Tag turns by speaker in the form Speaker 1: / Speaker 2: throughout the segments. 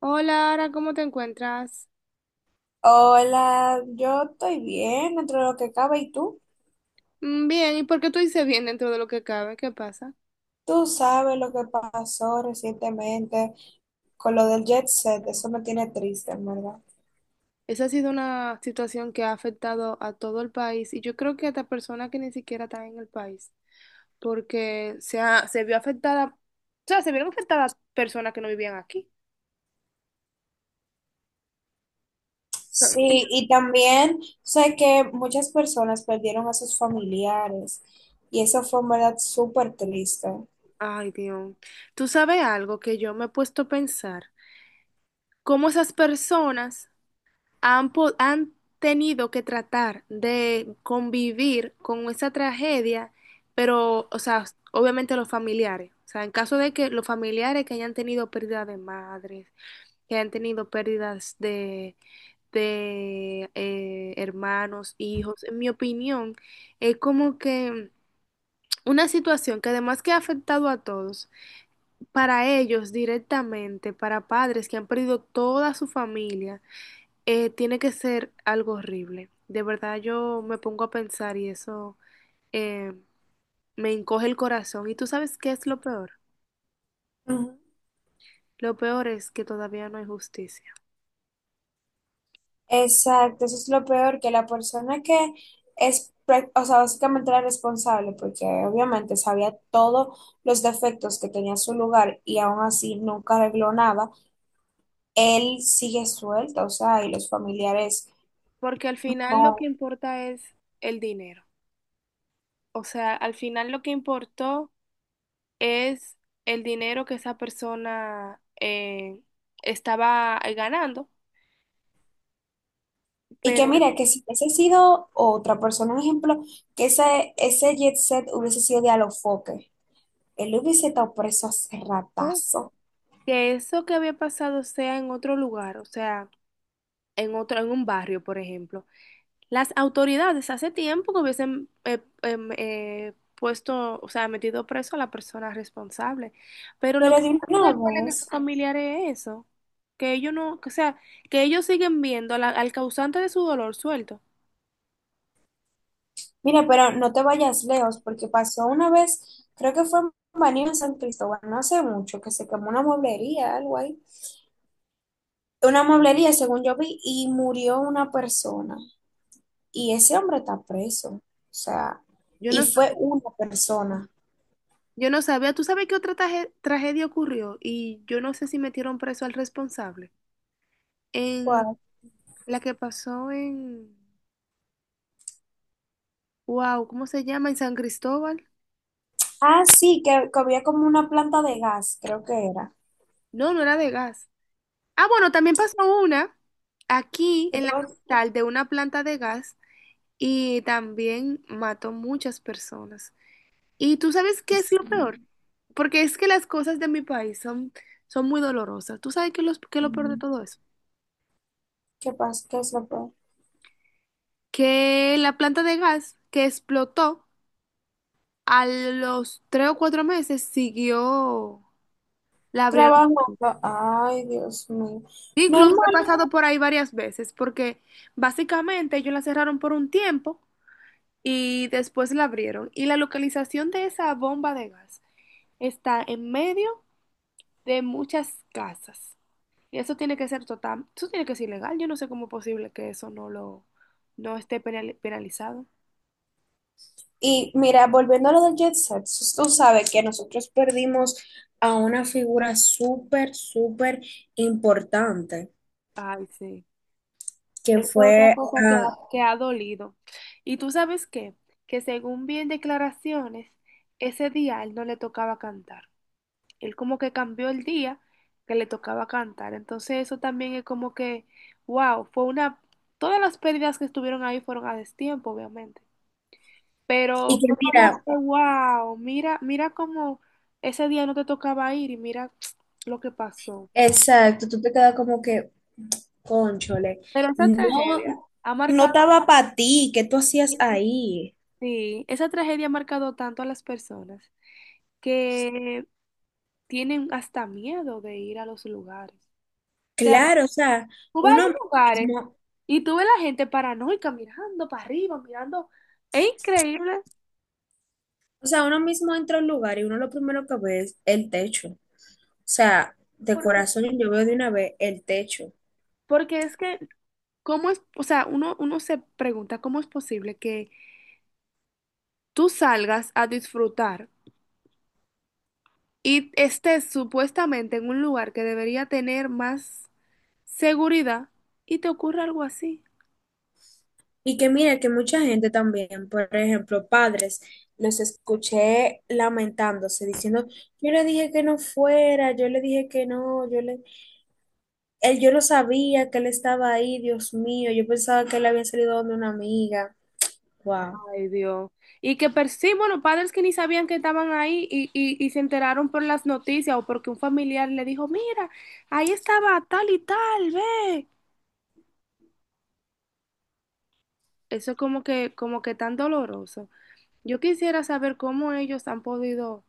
Speaker 1: Hola, Ara, ¿cómo te encuentras?
Speaker 2: Hola, yo estoy bien dentro de lo que cabe. ¿Y tú?
Speaker 1: Bien, ¿y por qué tú dices bien dentro de lo que cabe? ¿Qué pasa?
Speaker 2: Tú sabes lo que pasó recientemente con lo del Jet Set. Eso me tiene triste, en verdad.
Speaker 1: Esa ha sido una situación que ha afectado a todo el país y yo creo que hasta personas que ni siquiera están en el país, porque se vio afectada, o sea, se vieron afectadas personas que no vivían aquí.
Speaker 2: Sí, y también sé que muchas personas perdieron a sus familiares y eso fue en verdad súper triste.
Speaker 1: Ay, Dios. Tú sabes algo que yo me he puesto a pensar, cómo esas personas han tenido que tratar de convivir con esa tragedia, pero, o sea, obviamente los familiares. O sea, en caso de que los familiares que hayan tenido pérdida de madres, que hayan tenido pérdidas de hermanos, hijos, en mi opinión, es como que una situación que además que ha afectado a todos, para ellos directamente, para padres que han perdido toda su familia. Tiene que ser algo horrible. De verdad yo me pongo a pensar y eso eh, me encoge el corazón. ¿Y tú sabes qué es lo peor?
Speaker 2: Ujú.
Speaker 1: Lo peor es que todavía no hay justicia.
Speaker 2: Exacto, eso es lo peor, que la persona que es, o sea, básicamente la responsable, porque obviamente sabía todos los defectos que tenía su lugar y aún así nunca arregló nada, él sigue suelto, o sea, y los familiares
Speaker 1: Porque al final lo que
Speaker 2: no.
Speaker 1: importa es el dinero. O sea, al final lo que importó es el dinero que esa persona estaba ganando.
Speaker 2: Y que
Speaker 1: Pero
Speaker 2: mira, que si hubiese sido otra persona, un ejemplo, que ese Jet Set hubiese sido de Alofoque, él hubiese estado preso hace
Speaker 1: no
Speaker 2: ratazo,
Speaker 1: que eso que había pasado sea en otro lugar, o sea, en otro, en un barrio, por ejemplo. Las autoridades hace tiempo que hubiesen puesto, o sea, metido preso a la persona responsable. Pero lo
Speaker 2: pero
Speaker 1: que más
Speaker 2: de una
Speaker 1: le duele a esos
Speaker 2: vez.
Speaker 1: familiares es eso, que ellos no, que, o sea, que ellos siguen viendo a al causante de su dolor suelto.
Speaker 2: Mira, pero no te vayas lejos, porque pasó una vez, creo que fue en Baní en San Cristóbal, no hace mucho, que se quemó una mueblería, algo ahí. Una mueblería, según yo vi, y murió una persona. Y ese hombre está preso. O sea,
Speaker 1: Yo
Speaker 2: y
Speaker 1: no,
Speaker 2: fue
Speaker 1: sab-
Speaker 2: una persona.
Speaker 1: yo no sabía, ¿tú sabes qué otra tragedia ocurrió? Y yo no sé si metieron preso al responsable. En
Speaker 2: ¿Cuál?
Speaker 1: la que pasó en, wow, ¿cómo se llama? En San Cristóbal.
Speaker 2: Ah, sí, que había como una planta de gas, creo que era.
Speaker 1: No, no era de gas. Ah, bueno, también pasó una aquí
Speaker 2: Que
Speaker 1: en la
Speaker 2: todo-
Speaker 1: capital de una planta de gas y también mató muchas personas. Y tú sabes qué es lo
Speaker 2: Ujú.
Speaker 1: peor, porque es que las cosas de mi país son muy dolorosas. ¿Tú sabes qué, qué es lo peor de todo eso?
Speaker 2: ¿Qué pasa? ¿Qué es lo peor?
Speaker 1: Que la planta de gas que explotó a los tres o cuatro meses siguió, la abrieron.
Speaker 2: Trabajando. Ay, Dios mío.
Speaker 1: Incluso he
Speaker 2: Normal.
Speaker 1: pasado por ahí varias veces, porque básicamente ellos la cerraron por un tiempo y después la abrieron. Y la localización de esa bomba de gas está en medio de muchas casas. Y eso tiene que ser total, eso tiene que ser ilegal. Yo no sé cómo es posible que eso no lo, no esté penalizado.
Speaker 2: Y mira, volviendo a lo del Jet Set, tú sabes que nosotros perdimos a una figura súper, súper importante,
Speaker 1: Ay, sí.
Speaker 2: que
Speaker 1: Es otra
Speaker 2: fue a...
Speaker 1: cosa que ha dolido. Y tú sabes qué, que según bien declaraciones, ese día a él no le tocaba cantar. Él como que cambió el día que le tocaba cantar. Entonces eso también es como que, wow, fue una, todas las pérdidas que estuvieron ahí fueron a destiempo, obviamente. Pero
Speaker 2: Y que
Speaker 1: fue como
Speaker 2: mira,
Speaker 1: que, wow, mira, mira cómo ese día no te tocaba ir y mira lo que pasó.
Speaker 2: exacto, tú te quedas como que, conchole,
Speaker 1: Pero esa
Speaker 2: no,
Speaker 1: tragedia ha
Speaker 2: no
Speaker 1: marcado,
Speaker 2: estaba para ti, ¿qué tú hacías ahí?
Speaker 1: sí, esa tragedia ha marcado tanto a las personas que tienen hasta miedo de ir a los lugares. O
Speaker 2: Claro, o sea,
Speaker 1: Tú vas a
Speaker 2: uno
Speaker 1: los lugares
Speaker 2: mismo,
Speaker 1: y tú ves la gente paranoica mirando para arriba, mirando. Es increíble
Speaker 2: uno mismo entra a un lugar y uno lo primero que ve es el techo. O sea, de
Speaker 1: porque,
Speaker 2: corazón yo veo de una vez el techo.
Speaker 1: porque es que, ¿cómo es? O sea, uno se pregunta cómo es posible que tú salgas a disfrutar y estés supuestamente en un lugar que debería tener más seguridad y te ocurra algo así.
Speaker 2: Y que mira que mucha gente también, por ejemplo, padres, los escuché lamentándose, diciendo, yo le dije que no fuera, yo le dije que no, yo le, él, yo no sabía que él estaba ahí, Dios mío, yo pensaba que él había salido donde una amiga. Wow.
Speaker 1: Ay, Dios. Y que per sí, bueno, padres que ni sabían que estaban ahí y se enteraron por las noticias o porque un familiar le dijo, mira, ahí estaba tal y tal, ve. Eso es como que tan doloroso. Yo quisiera saber cómo ellos han podido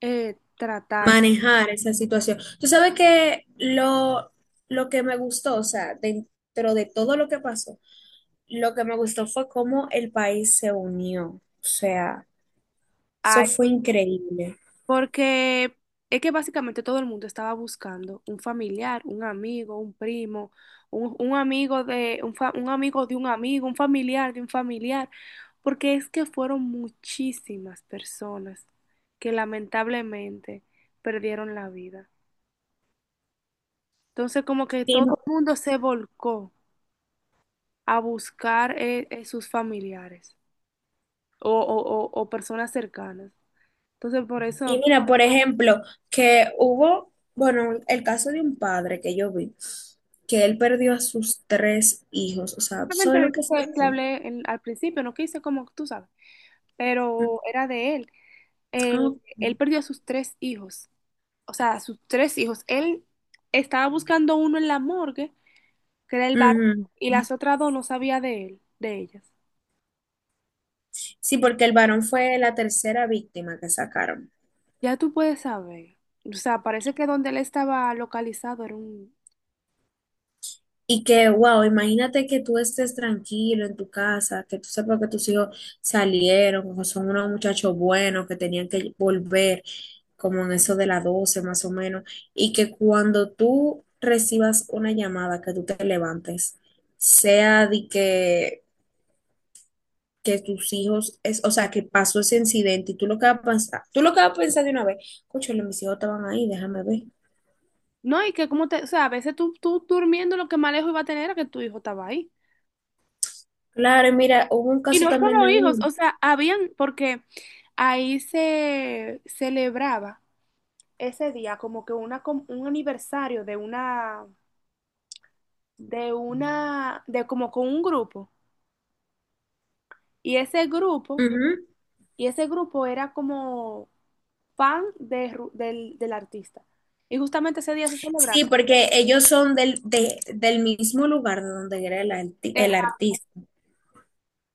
Speaker 1: tratarse.
Speaker 2: Manejar esa situación. Tú sabes que lo que me gustó, o sea, dentro de todo lo que pasó, lo que me gustó fue cómo el país se unió. O sea, eso fue increíble.
Speaker 1: Porque es que básicamente todo el mundo estaba buscando un familiar, un amigo, un primo, un amigo de un amigo, un familiar de un familiar, porque es que fueron muchísimas personas que lamentablemente perdieron la vida. Entonces como que
Speaker 2: Y
Speaker 1: todo el mundo se volcó a buscar sus familiares o personas cercanas. Entonces por
Speaker 2: Y
Speaker 1: eso,
Speaker 2: mira, por ejemplo, que hubo, bueno, el caso de un padre que yo vi, que él perdió a sus tres hijos. O sea, ¿tú
Speaker 1: realmente
Speaker 2: sabes
Speaker 1: de
Speaker 2: lo que
Speaker 1: eso
Speaker 2: es
Speaker 1: fue que
Speaker 2: eso?
Speaker 1: hablé al principio, no quise como tú sabes
Speaker 2: Mm,
Speaker 1: pero era de él. Eh,
Speaker 2: ah,
Speaker 1: Él perdió a sus tres hijos, o sea, a sus tres hijos. Él estaba buscando uno en la morgue, que era el varón,
Speaker 2: ujú.
Speaker 1: y las otras dos no sabía de él, de ellas.
Speaker 2: Sí, porque el varón fue la tercera víctima que sacaron.
Speaker 1: Ya tú puedes saber. O sea, parece que donde él estaba localizado era un...
Speaker 2: Y que, wow, imagínate que tú estés tranquilo en tu casa, que tú sepas que tus hijos salieron, que son unos muchachos buenos, que tenían que volver, como en eso de las 12 más o menos, y que cuando tú recibas una llamada, que tú te levantes, sea de que tus hijos, es, o sea, que pasó ese incidente y tú lo que vas a pensar, tú lo que vas a pensar de una vez, cóchale, mis hijos estaban ahí, déjame ver.
Speaker 1: No, y que como te... O sea, a veces tú durmiendo lo que más lejos iba a tener era que tu hijo estaba ahí.
Speaker 2: Claro, y mira, hubo un
Speaker 1: Y
Speaker 2: caso
Speaker 1: no
Speaker 2: también de
Speaker 1: solo hijos,
Speaker 2: uno.
Speaker 1: o sea, habían, porque ahí se celebraba ese día como que un aniversario de una de como con un grupo. Y ese grupo,
Speaker 2: Ujú.
Speaker 1: y ese grupo era como fan de, del artista. Y justamente ese día se
Speaker 2: Sí,
Speaker 1: celebraba.
Speaker 2: porque ellos son del, del mismo lugar de donde era el, el artista.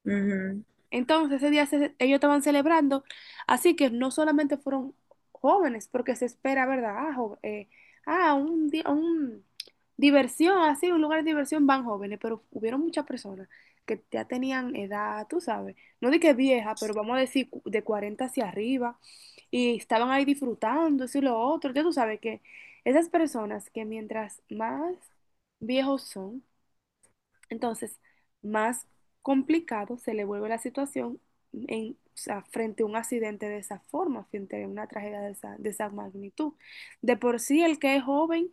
Speaker 2: Ujú.
Speaker 1: Entonces, ellos estaban celebrando, así que no solamente fueron jóvenes, porque se espera, ¿verdad? Ah, un diversión, así, un lugar de diversión van jóvenes, pero hubieron muchas personas que ya tenían edad, tú sabes, no de que vieja, pero vamos a decir de 40 hacia arriba, y estaban ahí disfrutando, eso y lo otro. Ya tú sabes que esas personas que mientras más viejos son, entonces, más complicado se le vuelve la situación en, o sea, frente a un accidente de esa forma, frente a una tragedia de de esa magnitud. De por sí, el que es joven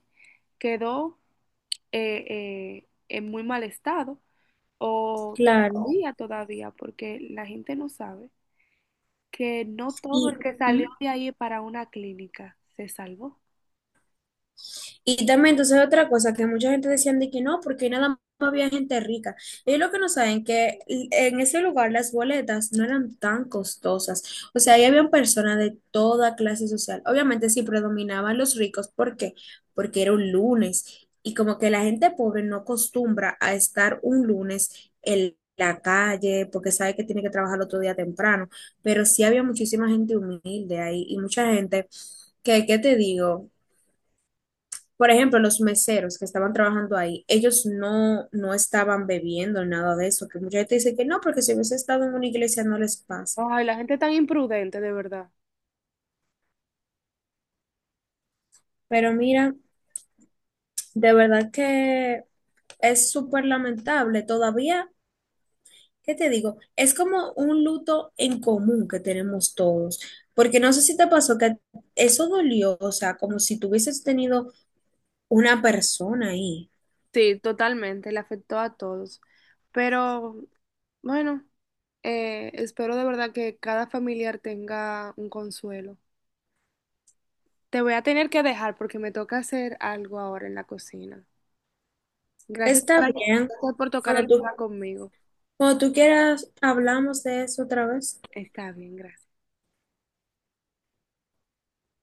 Speaker 1: quedó en muy mal estado, o
Speaker 2: Claro.
Speaker 1: todavía, porque la gente no sabe que no todo el
Speaker 2: Y,
Speaker 1: que salió
Speaker 2: ujú.
Speaker 1: de ahí para una clínica se salvó.
Speaker 2: Y también, entonces, otra cosa que mucha gente decían de que no, porque nada más había gente rica. Ellos lo que no saben que en ese lugar las boletas no eran tan costosas. O sea, ahí habían personas de toda clase social. Obviamente, sí predominaban los ricos. ¿Por qué? Porque era un lunes. Y como que la gente pobre no acostumbra a estar un lunes en la calle, porque sabe que tiene que trabajar el otro día temprano. Pero sí había muchísima gente humilde ahí y mucha gente que, ¿qué te digo? Por ejemplo, los meseros que estaban trabajando ahí, ellos no, no estaban bebiendo nada de eso, que mucha gente dice que no, porque si hubiese estado en una iglesia no les pasa.
Speaker 1: Ay, la gente tan imprudente, de verdad.
Speaker 2: Pero mira, de verdad que es súper lamentable. Todavía, ¿qué te digo? Es como un luto en común que tenemos todos, porque no sé si te pasó que eso dolió, o sea, como si tuvieses tenido una persona ahí.
Speaker 1: Sí, totalmente, le afectó a todos. Pero bueno, espero de verdad que cada familiar tenga un consuelo. Te voy a tener que dejar porque me toca hacer algo ahora en la cocina. Gracias por,
Speaker 2: Está bien,
Speaker 1: gracias por tocar
Speaker 2: cuando
Speaker 1: el
Speaker 2: tú,
Speaker 1: tema conmigo.
Speaker 2: cuando tú quieras, hablamos de eso otra vez.
Speaker 1: Está bien, gracias.